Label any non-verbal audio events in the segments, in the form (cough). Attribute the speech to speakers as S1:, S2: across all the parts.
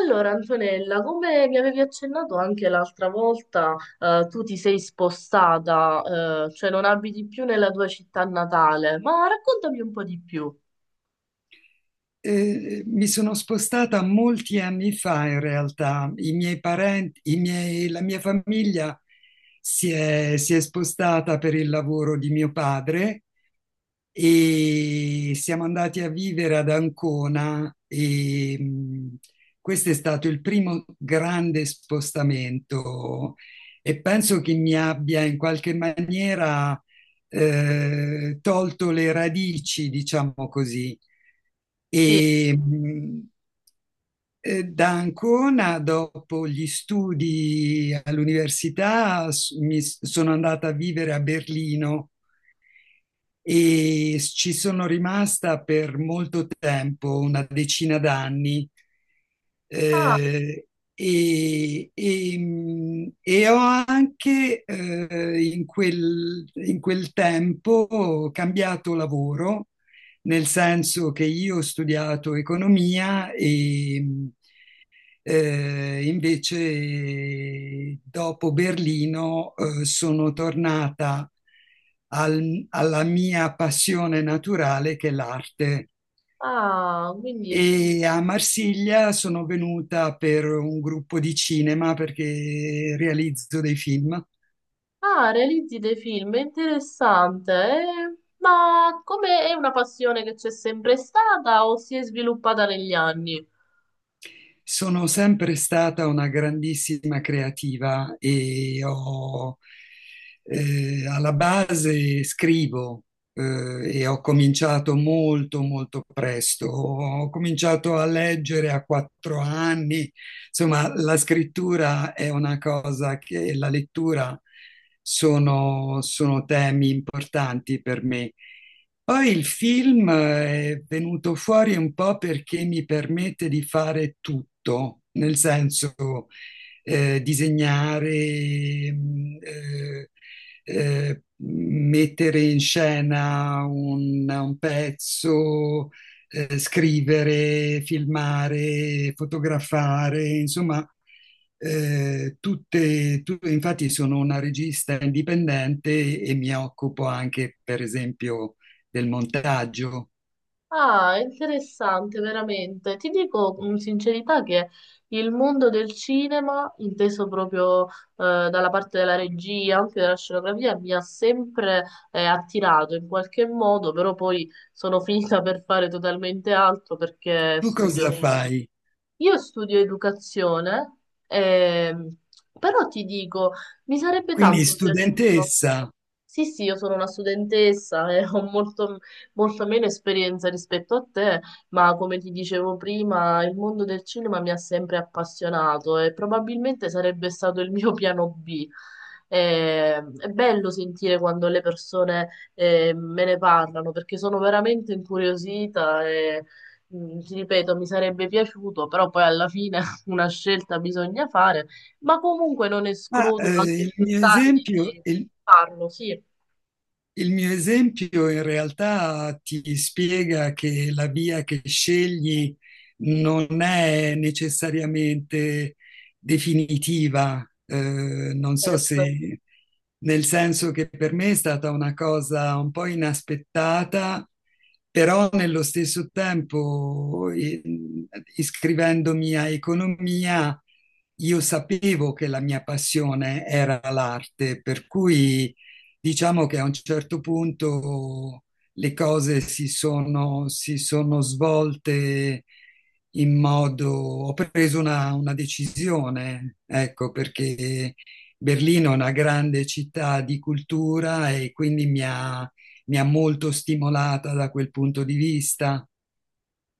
S1: Allora, Antonella, come mi avevi accennato anche l'altra volta, tu ti sei spostata, cioè non abiti più nella tua città natale, ma raccontami un po' di più.
S2: Mi sono spostata molti anni fa in realtà. I miei parenti, la mia famiglia si è spostata per il lavoro di mio padre e siamo andati a vivere ad Ancona e questo è stato il primo grande spostamento e penso che mi abbia in qualche maniera tolto le radici, diciamo così.
S1: Sì.
S2: E, da Ancona, dopo gli studi all'università, sono andata a vivere a Berlino e ci sono rimasta per molto tempo, una decina d'anni,
S1: Ah,
S2: eh, e ho anche in quel tempo cambiato lavoro, nel senso che io ho studiato economia e, invece, dopo Berlino, sono tornata alla mia passione naturale, che è l'arte.
S1: ah, quindi,
S2: E a Marsiglia sono venuta per un gruppo di cinema perché realizzo dei film.
S1: ah, realizzi dei film, è interessante, eh? Ma come è una passione che c'è sempre stata o si è sviluppata negli anni?
S2: Sono sempre stata una grandissima creativa e alla base scrivo, e ho cominciato molto, molto presto. Ho cominciato a leggere a 4 anni. Insomma, la scrittura è una cosa che la lettura sono temi importanti per me. Poi il film è venuto fuori un po' perché mi permette di fare tutto, nel senso disegnare, eh, mettere in scena un pezzo, scrivere, filmare, fotografare, insomma, infatti sono una regista indipendente e mi occupo anche, per esempio, del montaggio.
S1: Ah, interessante, veramente. Ti dico con sincerità che il mondo del cinema, inteso proprio dalla parte della regia, anche della scenografia, mi ha sempre attirato in qualche modo, però poi sono (laughs) finita per fare totalmente altro perché
S2: Tu cosa
S1: studio...
S2: fai?
S1: Io studio educazione, ehm, però ti dico, mi sarebbe
S2: Quindi
S1: tanto piaciuto.
S2: studentessa.
S1: Sì, sì, io sono una studentessa e ho molto, molto meno esperienza rispetto a te, ma come ti dicevo prima, il mondo del cinema mi ha sempre appassionato e probabilmente sarebbe stato il mio piano B. È bello sentire quando le persone me ne parlano perché sono veramente incuriosita e ti ripeto, mi sarebbe piaciuto, però poi alla fine (laughs) una scelta bisogna fare, ma comunque non
S2: Ma
S1: escludo
S2: eh,
S1: anche
S2: il
S1: più
S2: mio
S1: tardi.
S2: esempio,
S1: Di
S2: il,
S1: farlo, sì,
S2: Il mio esempio in realtà ti spiega che la via che scegli non è necessariamente definitiva. Eh, non so
S1: certo,
S2: se, nel senso che per me è stata una cosa un po' inaspettata, però nello stesso tempo, iscrivendomi a economia, io sapevo che la mia passione era l'arte, per cui diciamo che a un certo punto le cose si sono svolte in modo. Ho preso una decisione, ecco, perché Berlino è una grande città di cultura e quindi mi ha molto stimolata da quel punto di vista.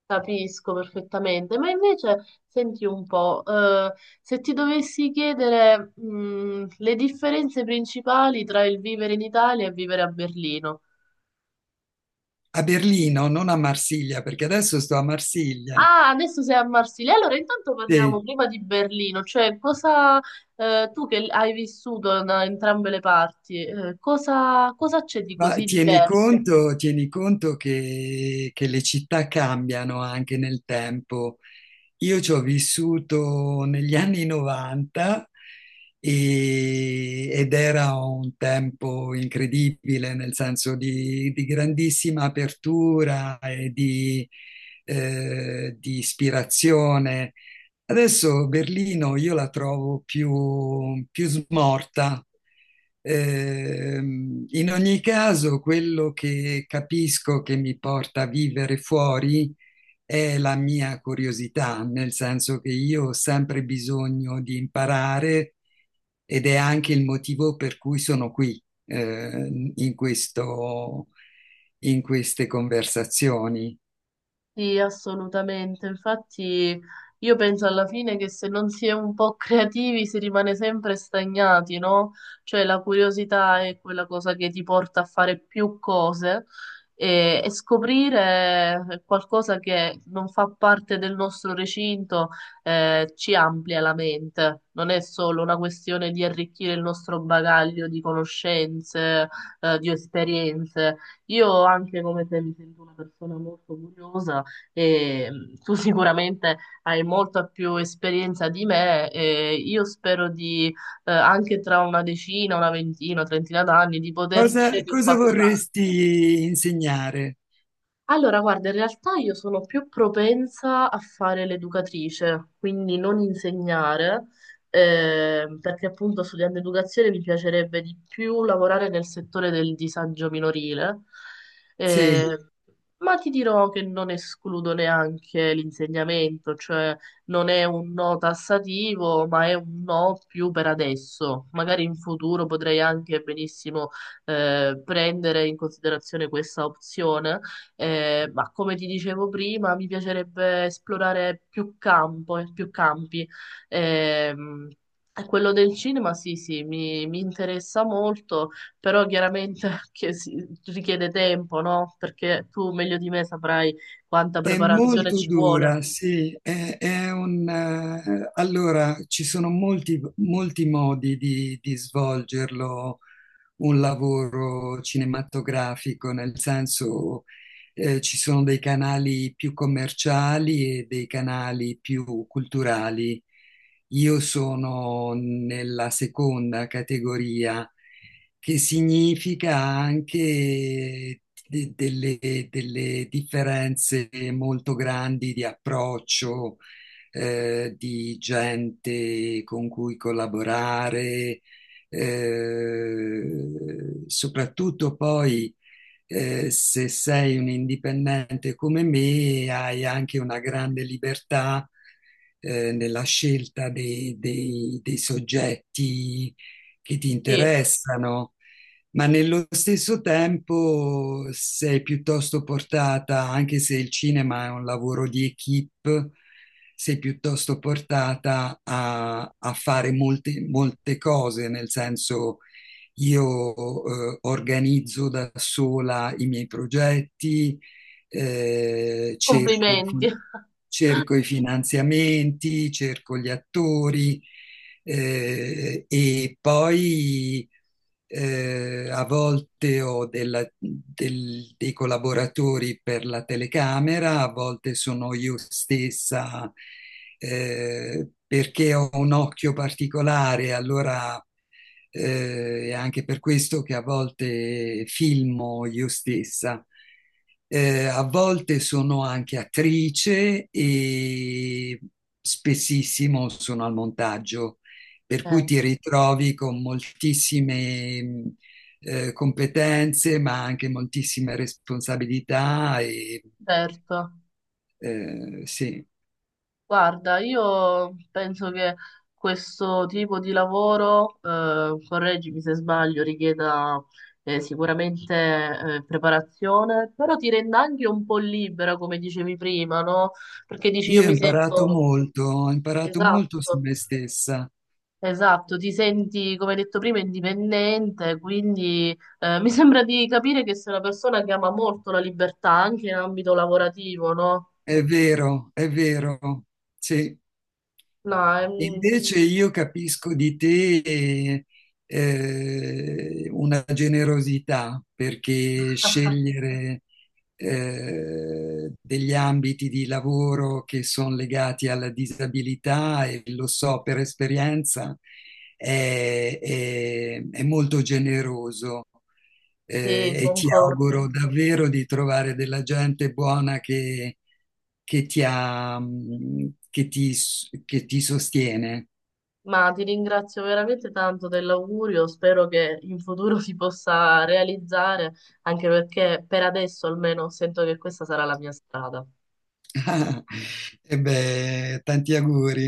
S1: capisco perfettamente. Ma invece, senti un po', se ti dovessi chiedere, le differenze principali tra il vivere in Italia e vivere a Berlino.
S2: A Berlino, non a Marsiglia, perché adesso sto a Marsiglia.
S1: Ah, adesso sei a Marsiglia. Allora, intanto
S2: Sì.
S1: parliamo prima di Berlino, cioè cosa, tu che hai vissuto da entrambe le parti, cosa c'è di
S2: Ma
S1: così diverso?
S2: tieni conto che le città cambiano anche nel tempo, io ci ho vissuto negli anni 90 ed era un tempo incredibile, nel senso di, grandissima apertura e di ispirazione. Adesso Berlino io la trovo più, più smorta. In ogni caso, quello che capisco che mi porta a vivere fuori è la mia curiosità, nel senso che io ho sempre bisogno di imparare ed è anche il motivo per cui sono qui, in queste conversazioni.
S1: Sì, assolutamente. Infatti, io penso alla fine che se non si è un po' creativi si rimane sempre stagnati, no? Cioè la curiosità è quella cosa che ti porta a fare più cose e scoprire qualcosa che non fa parte del nostro recinto, ci amplia la mente. Non è solo una questione di arricchire il nostro bagaglio di conoscenze, di esperienze. Io anche come te mi sento una persona molto curiosa e tu sicuramente hai molta più esperienza di me e io spero anche tra una decina, una ventina, trentina d'anni, di poter dire
S2: Cosa,
S1: che ho
S2: cosa
S1: fatto tanto.
S2: vorresti insegnare?
S1: Allora, guarda, in realtà io sono più propensa a fare l'educatrice, quindi non insegnare, perché appunto studiando educazione mi piacerebbe di più lavorare nel settore del disagio minorile,
S2: Sì,
S1: eh, ma ti dirò che non escludo neanche l'insegnamento, cioè non è un no tassativo, ma è un no più per adesso. Magari in futuro potrei anche benissimo, prendere in considerazione questa opzione ma come ti dicevo prima, mi piacerebbe esplorare più campo, più campi. Ehm, E quello del cinema, sì, sì, mi interessa molto, però chiaramente (laughs) richiede tempo, no? Perché tu meglio di me saprai quanta
S2: è
S1: preparazione
S2: molto
S1: ci vuole.
S2: dura, sì. Allora, ci sono molti, molti modi di svolgerlo un lavoro cinematografico, nel senso ci sono dei canali più commerciali e dei canali più culturali. Io sono nella seconda categoria, che significa anche de- delle, delle differenze molto grandi di approccio, di gente con cui collaborare, soprattutto poi se sei un indipendente come me, hai anche una grande libertà nella scelta dei soggetti che ti
S1: Sì,
S2: interessano, ma nello stesso tempo sei piuttosto portata, anche se il cinema è un lavoro di equip, sei piuttosto portata a fare molte, molte cose, nel senso io organizzo da sola i miei progetti, eh, cerco, i fi-
S1: complimenti. (laughs)
S2: cerco i finanziamenti, cerco gli attori e poi a volte ho dei collaboratori per la telecamera, a volte sono io stessa perché ho un occhio particolare, allora è anche per questo che a volte filmo io stessa. A volte sono anche attrice e spessissimo sono al montaggio, per cui
S1: Eh,
S2: ti ritrovi con moltissime competenze, ma anche moltissime responsabilità,
S1: certo.
S2: sì.
S1: Guarda, io penso che questo tipo di lavoro, correggimi se sbaglio, richieda sicuramente preparazione, però ti renda anche un po' libera, come dicevi prima, no? Perché dici io
S2: Io
S1: mi sento...
S2: ho imparato molto su
S1: Esatto,
S2: me stessa,
S1: esatto, ti senti, come hai detto prima, indipendente, quindi mi (laughs) sembra di capire che sei una persona che ama molto la libertà anche in ambito lavorativo, no?
S2: è vero, sì.
S1: No, è un-
S2: Invece io capisco di te una generosità perché
S1: (laughs)
S2: scegliere degli ambiti di lavoro che sono legati alla disabilità, e lo so per esperienza, è molto generoso
S1: sì,
S2: e ti
S1: concordo.
S2: auguro davvero di trovare della gente buona che ti ha, che ti, s- che ti sostiene.
S1: Ma ti ringrazio veramente tanto dell'augurio, spero che in futuro si possa realizzare, anche perché per adesso almeno sento che questa sarà la mia strada.
S2: (laughs) E beh, tanti auguri.